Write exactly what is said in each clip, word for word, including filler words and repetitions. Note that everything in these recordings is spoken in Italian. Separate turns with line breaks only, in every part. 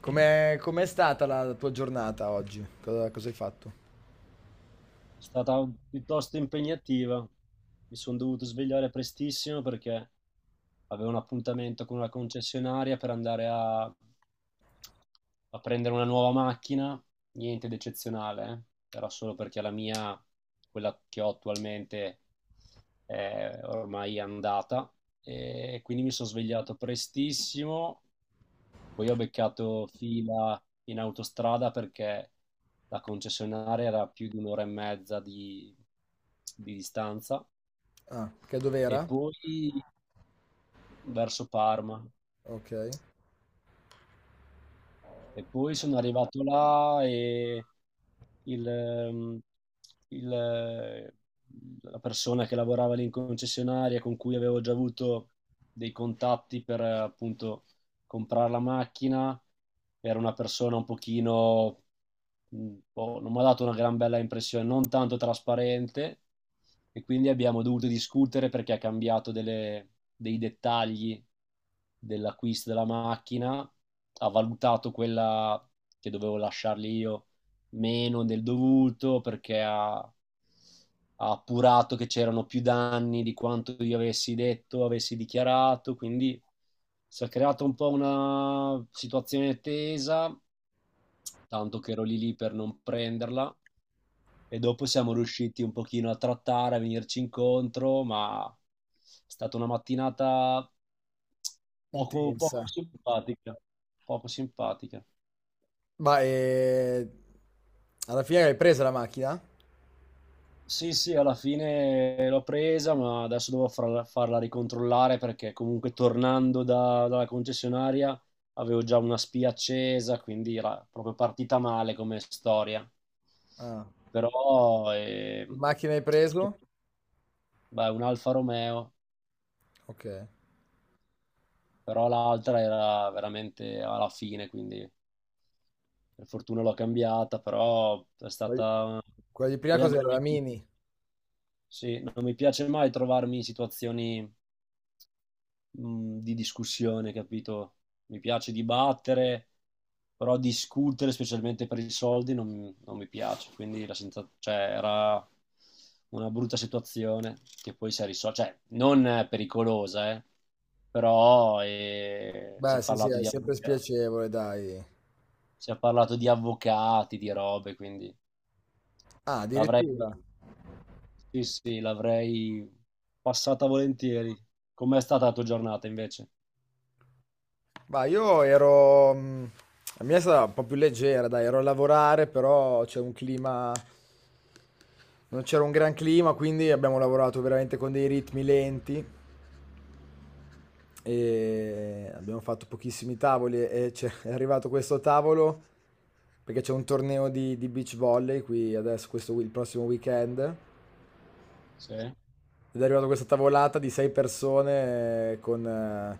Com'è, com'è stata la tua giornata oggi? Cosa, cosa hai fatto?
È stata piuttosto impegnativa. Mi sono dovuto svegliare prestissimo perché avevo un appuntamento con una concessionaria per andare a, a prendere una nuova macchina. Niente di eccezionale, eh. Era solo perché la mia, quella che ho attualmente, è ormai andata. E quindi mi sono svegliato prestissimo, poi ho beccato fila in autostrada perché la concessionaria era a più di un'ora e mezza di, di distanza
Ah, che
e
dov'era?
poi verso Parma.
Ok.
E poi sono arrivato là e il, ehm, il, eh, la persona che lavorava lì in concessionaria, con cui avevo già avuto dei contatti per eh, appunto comprare la macchina, era una persona un pochino, mh, boh, non mi ha dato una gran bella impressione, non tanto trasparente, e quindi abbiamo dovuto discutere perché ha cambiato delle- dei dettagli dell'acquisto della macchina, ha valutato quella che dovevo lasciargli io meno del dovuto perché ha, ha appurato che c'erano più danni di quanto io avessi detto, avessi dichiarato. Quindi si è creata un po' una situazione tesa, tanto che ero lì lì per non prenderla, e dopo siamo riusciti un pochino a trattare, a venirci incontro, ma è stata una mattinata poco, poco
Intensa.
simpatica, poco simpatica.
Ma eh, alla fine hai preso la macchina?
Sì, sì, alla fine l'ho presa, ma adesso devo farla, farla ricontrollare perché comunque tornando da- dalla concessionaria avevo già una spia accesa, quindi era proprio partita male come storia.
Ah,
Però eh,
che macchina hai preso?
beh, un Alfa Romeo,
Ok.
però l'altra era veramente alla fine, quindi per fortuna l'ho cambiata, però è
Quella
stata...
quella di prima
Poi a me
cos'era? La
non mi-
Mini?
sì, non mi piace mai trovarmi in situazioni mh, di discussione, capito? Mi piace dibattere, però discutere, specialmente per i soldi, non, non mi piace. Quindi la senza- cioè, era una brutta situazione che poi si è risolta, cioè non eh, pericolosa, eh, però eh, si
Beh,
è
sì, sì,
parlato
è
di
sempre
avvoca-
spiacevole, dai.
si è parlato di avvocati, di robe, quindi
Ah,
l'avrei
addirittura.
sì, sì, l'avrei passata volentieri. Com'è stata la tua giornata invece?
Ma io ero... mm, La mia è stata un po' più leggera, dai, ero a lavorare, però c'è un clima... Non c'era un gran clima, quindi abbiamo lavorato veramente con dei ritmi lenti. E abbiamo fatto pochissimi tavoli e c'è- è arrivato questo tavolo perché c'è un torneo di, di beach volley qui adesso, questo, wi- il prossimo weekend.
Sì. Ah,
Ed è arrivata questa tavolata di sei persone eh, con eh,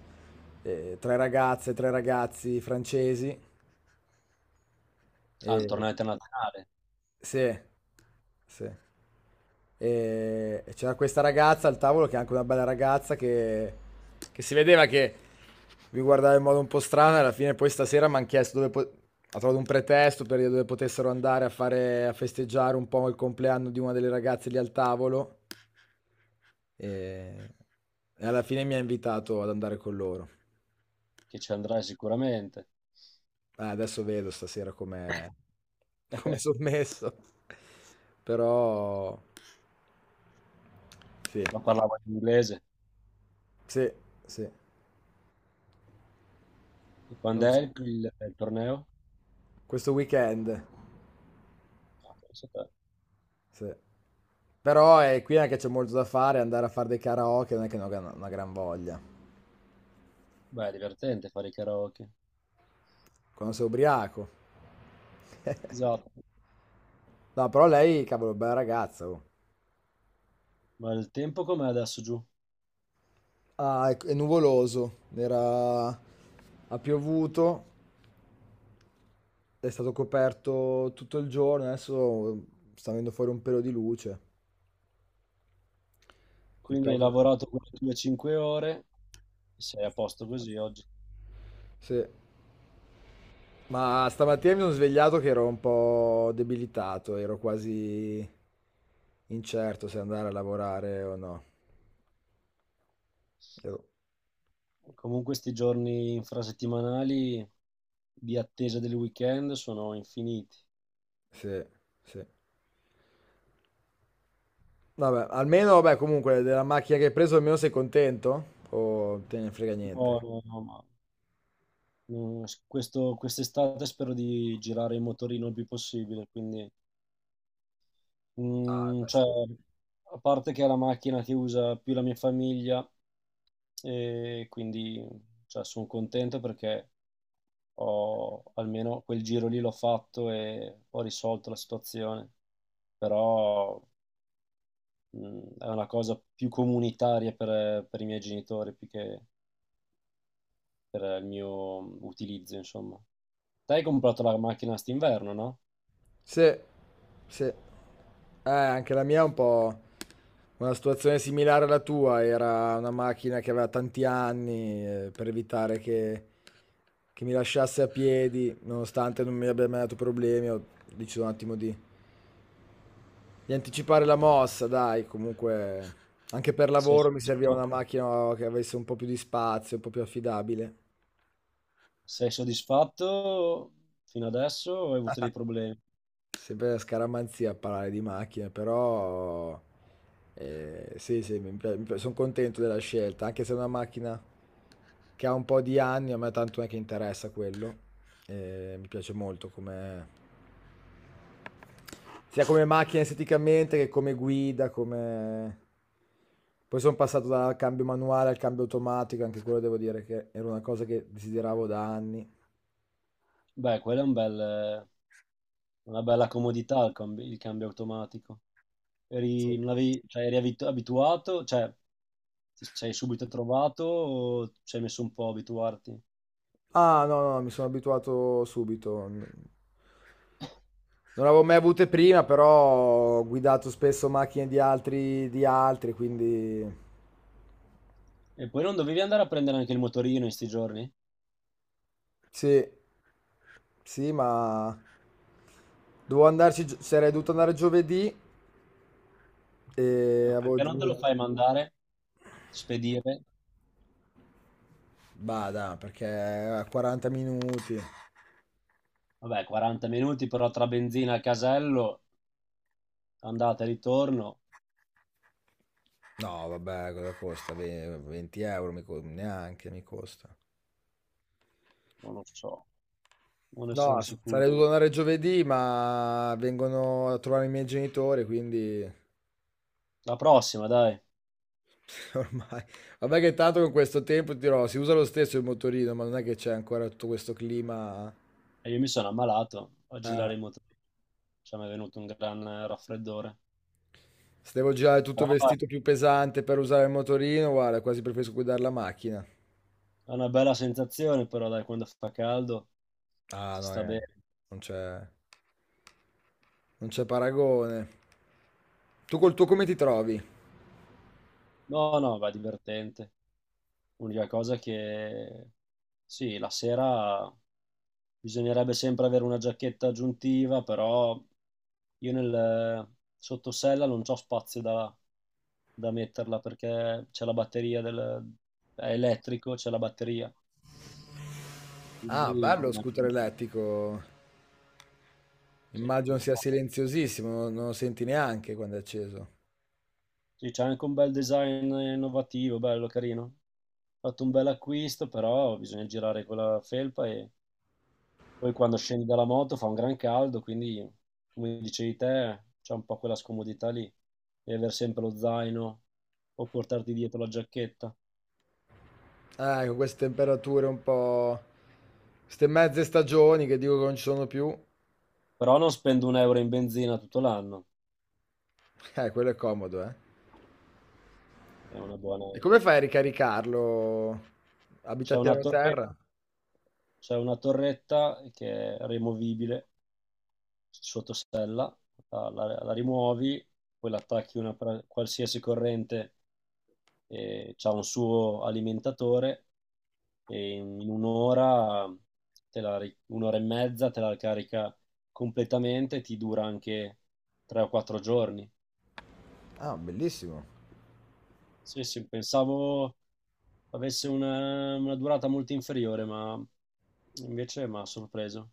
eh, tre ragazze, tre ragazzi francesi.
un
E...
torneo internazionale.
Sì, sì. E e c'era questa ragazza al tavolo, che è anche una bella ragazza, che, che si vedeva che vi guardava in modo un po' strano. E alla fine, poi stasera mi hanno chiesto dove po- ha trovato un pretesto per dire dove potessero andare a fare a festeggiare un po' il compleanno di una delle ragazze lì al tavolo. E, e alla fine mi ha invitato ad andare con loro.
Che ci andrai sicuramente.
Eh, adesso vedo stasera come come sono messo. Però sì.
Ma parlava in inglese.
Sì, sì.
E Quando
Non
è
so.
il, il- il torneo?
Questo weekend.
Ah, pensa te.
Sì. Però è qui anche c'è molto da fare, andare a fare dei karaoke non è che non ho una una gran voglia.
Beh, è divertente fare i karaoke.
Quando sei ubriaco.
Esatto.
No, però lei, cavolo, bella ragazza. Oh.
Ma il tempo com'è adesso giù?
Ah, è, è nuvoloso. Era... Ha piovuto, è stato coperto tutto il giorno. Adesso sta venendo fuori un pelo di luce. Il
Quindi hai
peggio.
lavorato quelle tue cinque ore, sei a posto così oggi.
Sì. Ma stamattina mi sono svegliato che ero un po' debilitato, ero quasi incerto se andare a lavorare o no. Ero-
Comunque questi giorni infrasettimanali di attesa del weekend sono infiniti.
Sì, sì. Vabbè, almeno, vabbè, comunque, della macchina che hai preso almeno sei contento? O te ne frega
No,
niente?
no, no, ma no, questo- quest'estate spero di girare in motorino il più possibile, quindi...
Ah,
Mm,
beh,
cioè,
sì.
a parte che è la macchina che usa più la mia famiglia, e quindi sono contento perché ho almeno quel giro lì, l'ho fatto e ho risolto la situazione. Però mh, è una cosa più comunitaria per, per i miei genitori più che per il mio utilizzo, insomma. Te hai comprato la macchina st'inverno, no?
Sì, sì. Eh, anche la mia è un po' una situazione similare alla tua, era una macchina che aveva tanti anni, eh, per evitare che che mi lasciasse a piedi, nonostante non mi abbia mai dato problemi, ho deciso un attimo di, di anticipare la mossa, dai, comunque anche per
Sei
lavoro mi serviva una
soddisfatto?
macchina che avesse un po' più di spazio, un po' più affidabile.
Sei soddisfatto fino adesso o hai avuto dei problemi?
Sempre la scaramanzia a parlare di macchine, però eh, sì, sì, mi pi- mi pi- sono contento della scelta, anche se è una macchina che ha un po' di anni, a me tanto non è che interessa quello, eh, mi piace molto come sia come macchina esteticamente che come guida, come... Poi sono passato dal cambio manuale al cambio automatico, anche quello devo dire che era una cosa che desideravo da anni.
Beh, quella è un bel- una bella comodità, il, cambi- il cambio automatico.
Sì.
Eri, non avevi- cioè, eri abitu- abituato, cioè ti sei subito trovato o ci hai messo un po' a abituarti?
Ah, no, no, mi sono abituato subito. Non avevo mai avute prima, però ho guidato spesso macchine di altri, di altri, quindi
E poi non dovevi andare a prendere anche il motorino in sti giorni?
sì, sì, ma dovevo andarci, gio- sarei dovuto andare giovedì e
Cioè,
avevo...
perché non te lo fai mandare, spedire?
Bada, perché a quaranta minuti.
Vabbè, quaranta minuti però tra benzina e casello, andata e ritorno,
No, vabbè, cosa costa? Ve- venti euro mi co- neanche mi costa.
non lo so, non ne
No,
sono
s-
sicuro.
sarei dovuto andare giovedì, ma vengono a trovare i miei genitori, quindi
La prossima, dai.
ormai. Vabbè che tanto con questo tempo ti dirò, si usa lo stesso il motorino, ma non è che c'è ancora tutto questo clima.
E io mi sono ammalato a
Eh,
girare in motorino, cioè mi è venuto un gran eh, raffreddore.
se devo girare tutto
Però
vestito più pesante per usare il motorino, guarda, quasi preferisco guidare la macchina.
è una bella sensazione, però dai, quando fa caldo
Ah,
si
no,
sta
eh,
bene.
non c'è non c'è paragone. Tu col tuo come ti trovi?
No, no, va divertente. L'unica cosa che sì, la sera bisognerebbe sempre avere una giacchetta aggiuntiva, però io nel sottosella non c'ho spazio da, da metterla perché c'è la batteria del... è elettrico, c'è la batteria. E
Ah,
Quindi
bello lo
diciamo,
scooter elettrico.
sì,
Immagino sia silenziosissimo, non, non lo senti neanche quando è acceso.
sì, c'è anche un bel design innovativo, bello, carino. Ho fatto un bel acquisto, però bisogna girare con la felpa e poi quando scendi dalla moto fa un gran caldo, quindi come dicevi te, c'è un po' quella scomodità lì di aver sempre lo zaino o portarti dietro la giacchetta.
Eh, con queste temperature un po'... Queste mezze stagioni che dico che non ci sono più.
Però non spendo un euro in benzina tutto l'anno,
Eh, quello è comodo, eh.
è una buona...
E come fai a ricaricarlo? Abita
C'è
a
una
piano
torre-
terra?
c'è una torretta che è rimovibile sotto sella, la, la- la rimuovi, poi l'attacchi a una pra- qualsiasi corrente e c'ha un suo alimentatore e in un'ora, te la ri- un'ora e mezza te la carica completamente, ti dura anche tre o quattro giorni.
Ah, bellissimo.
Sì, sì, pensavo avesse una, una durata molto inferiore, ma invece mi ha sorpreso.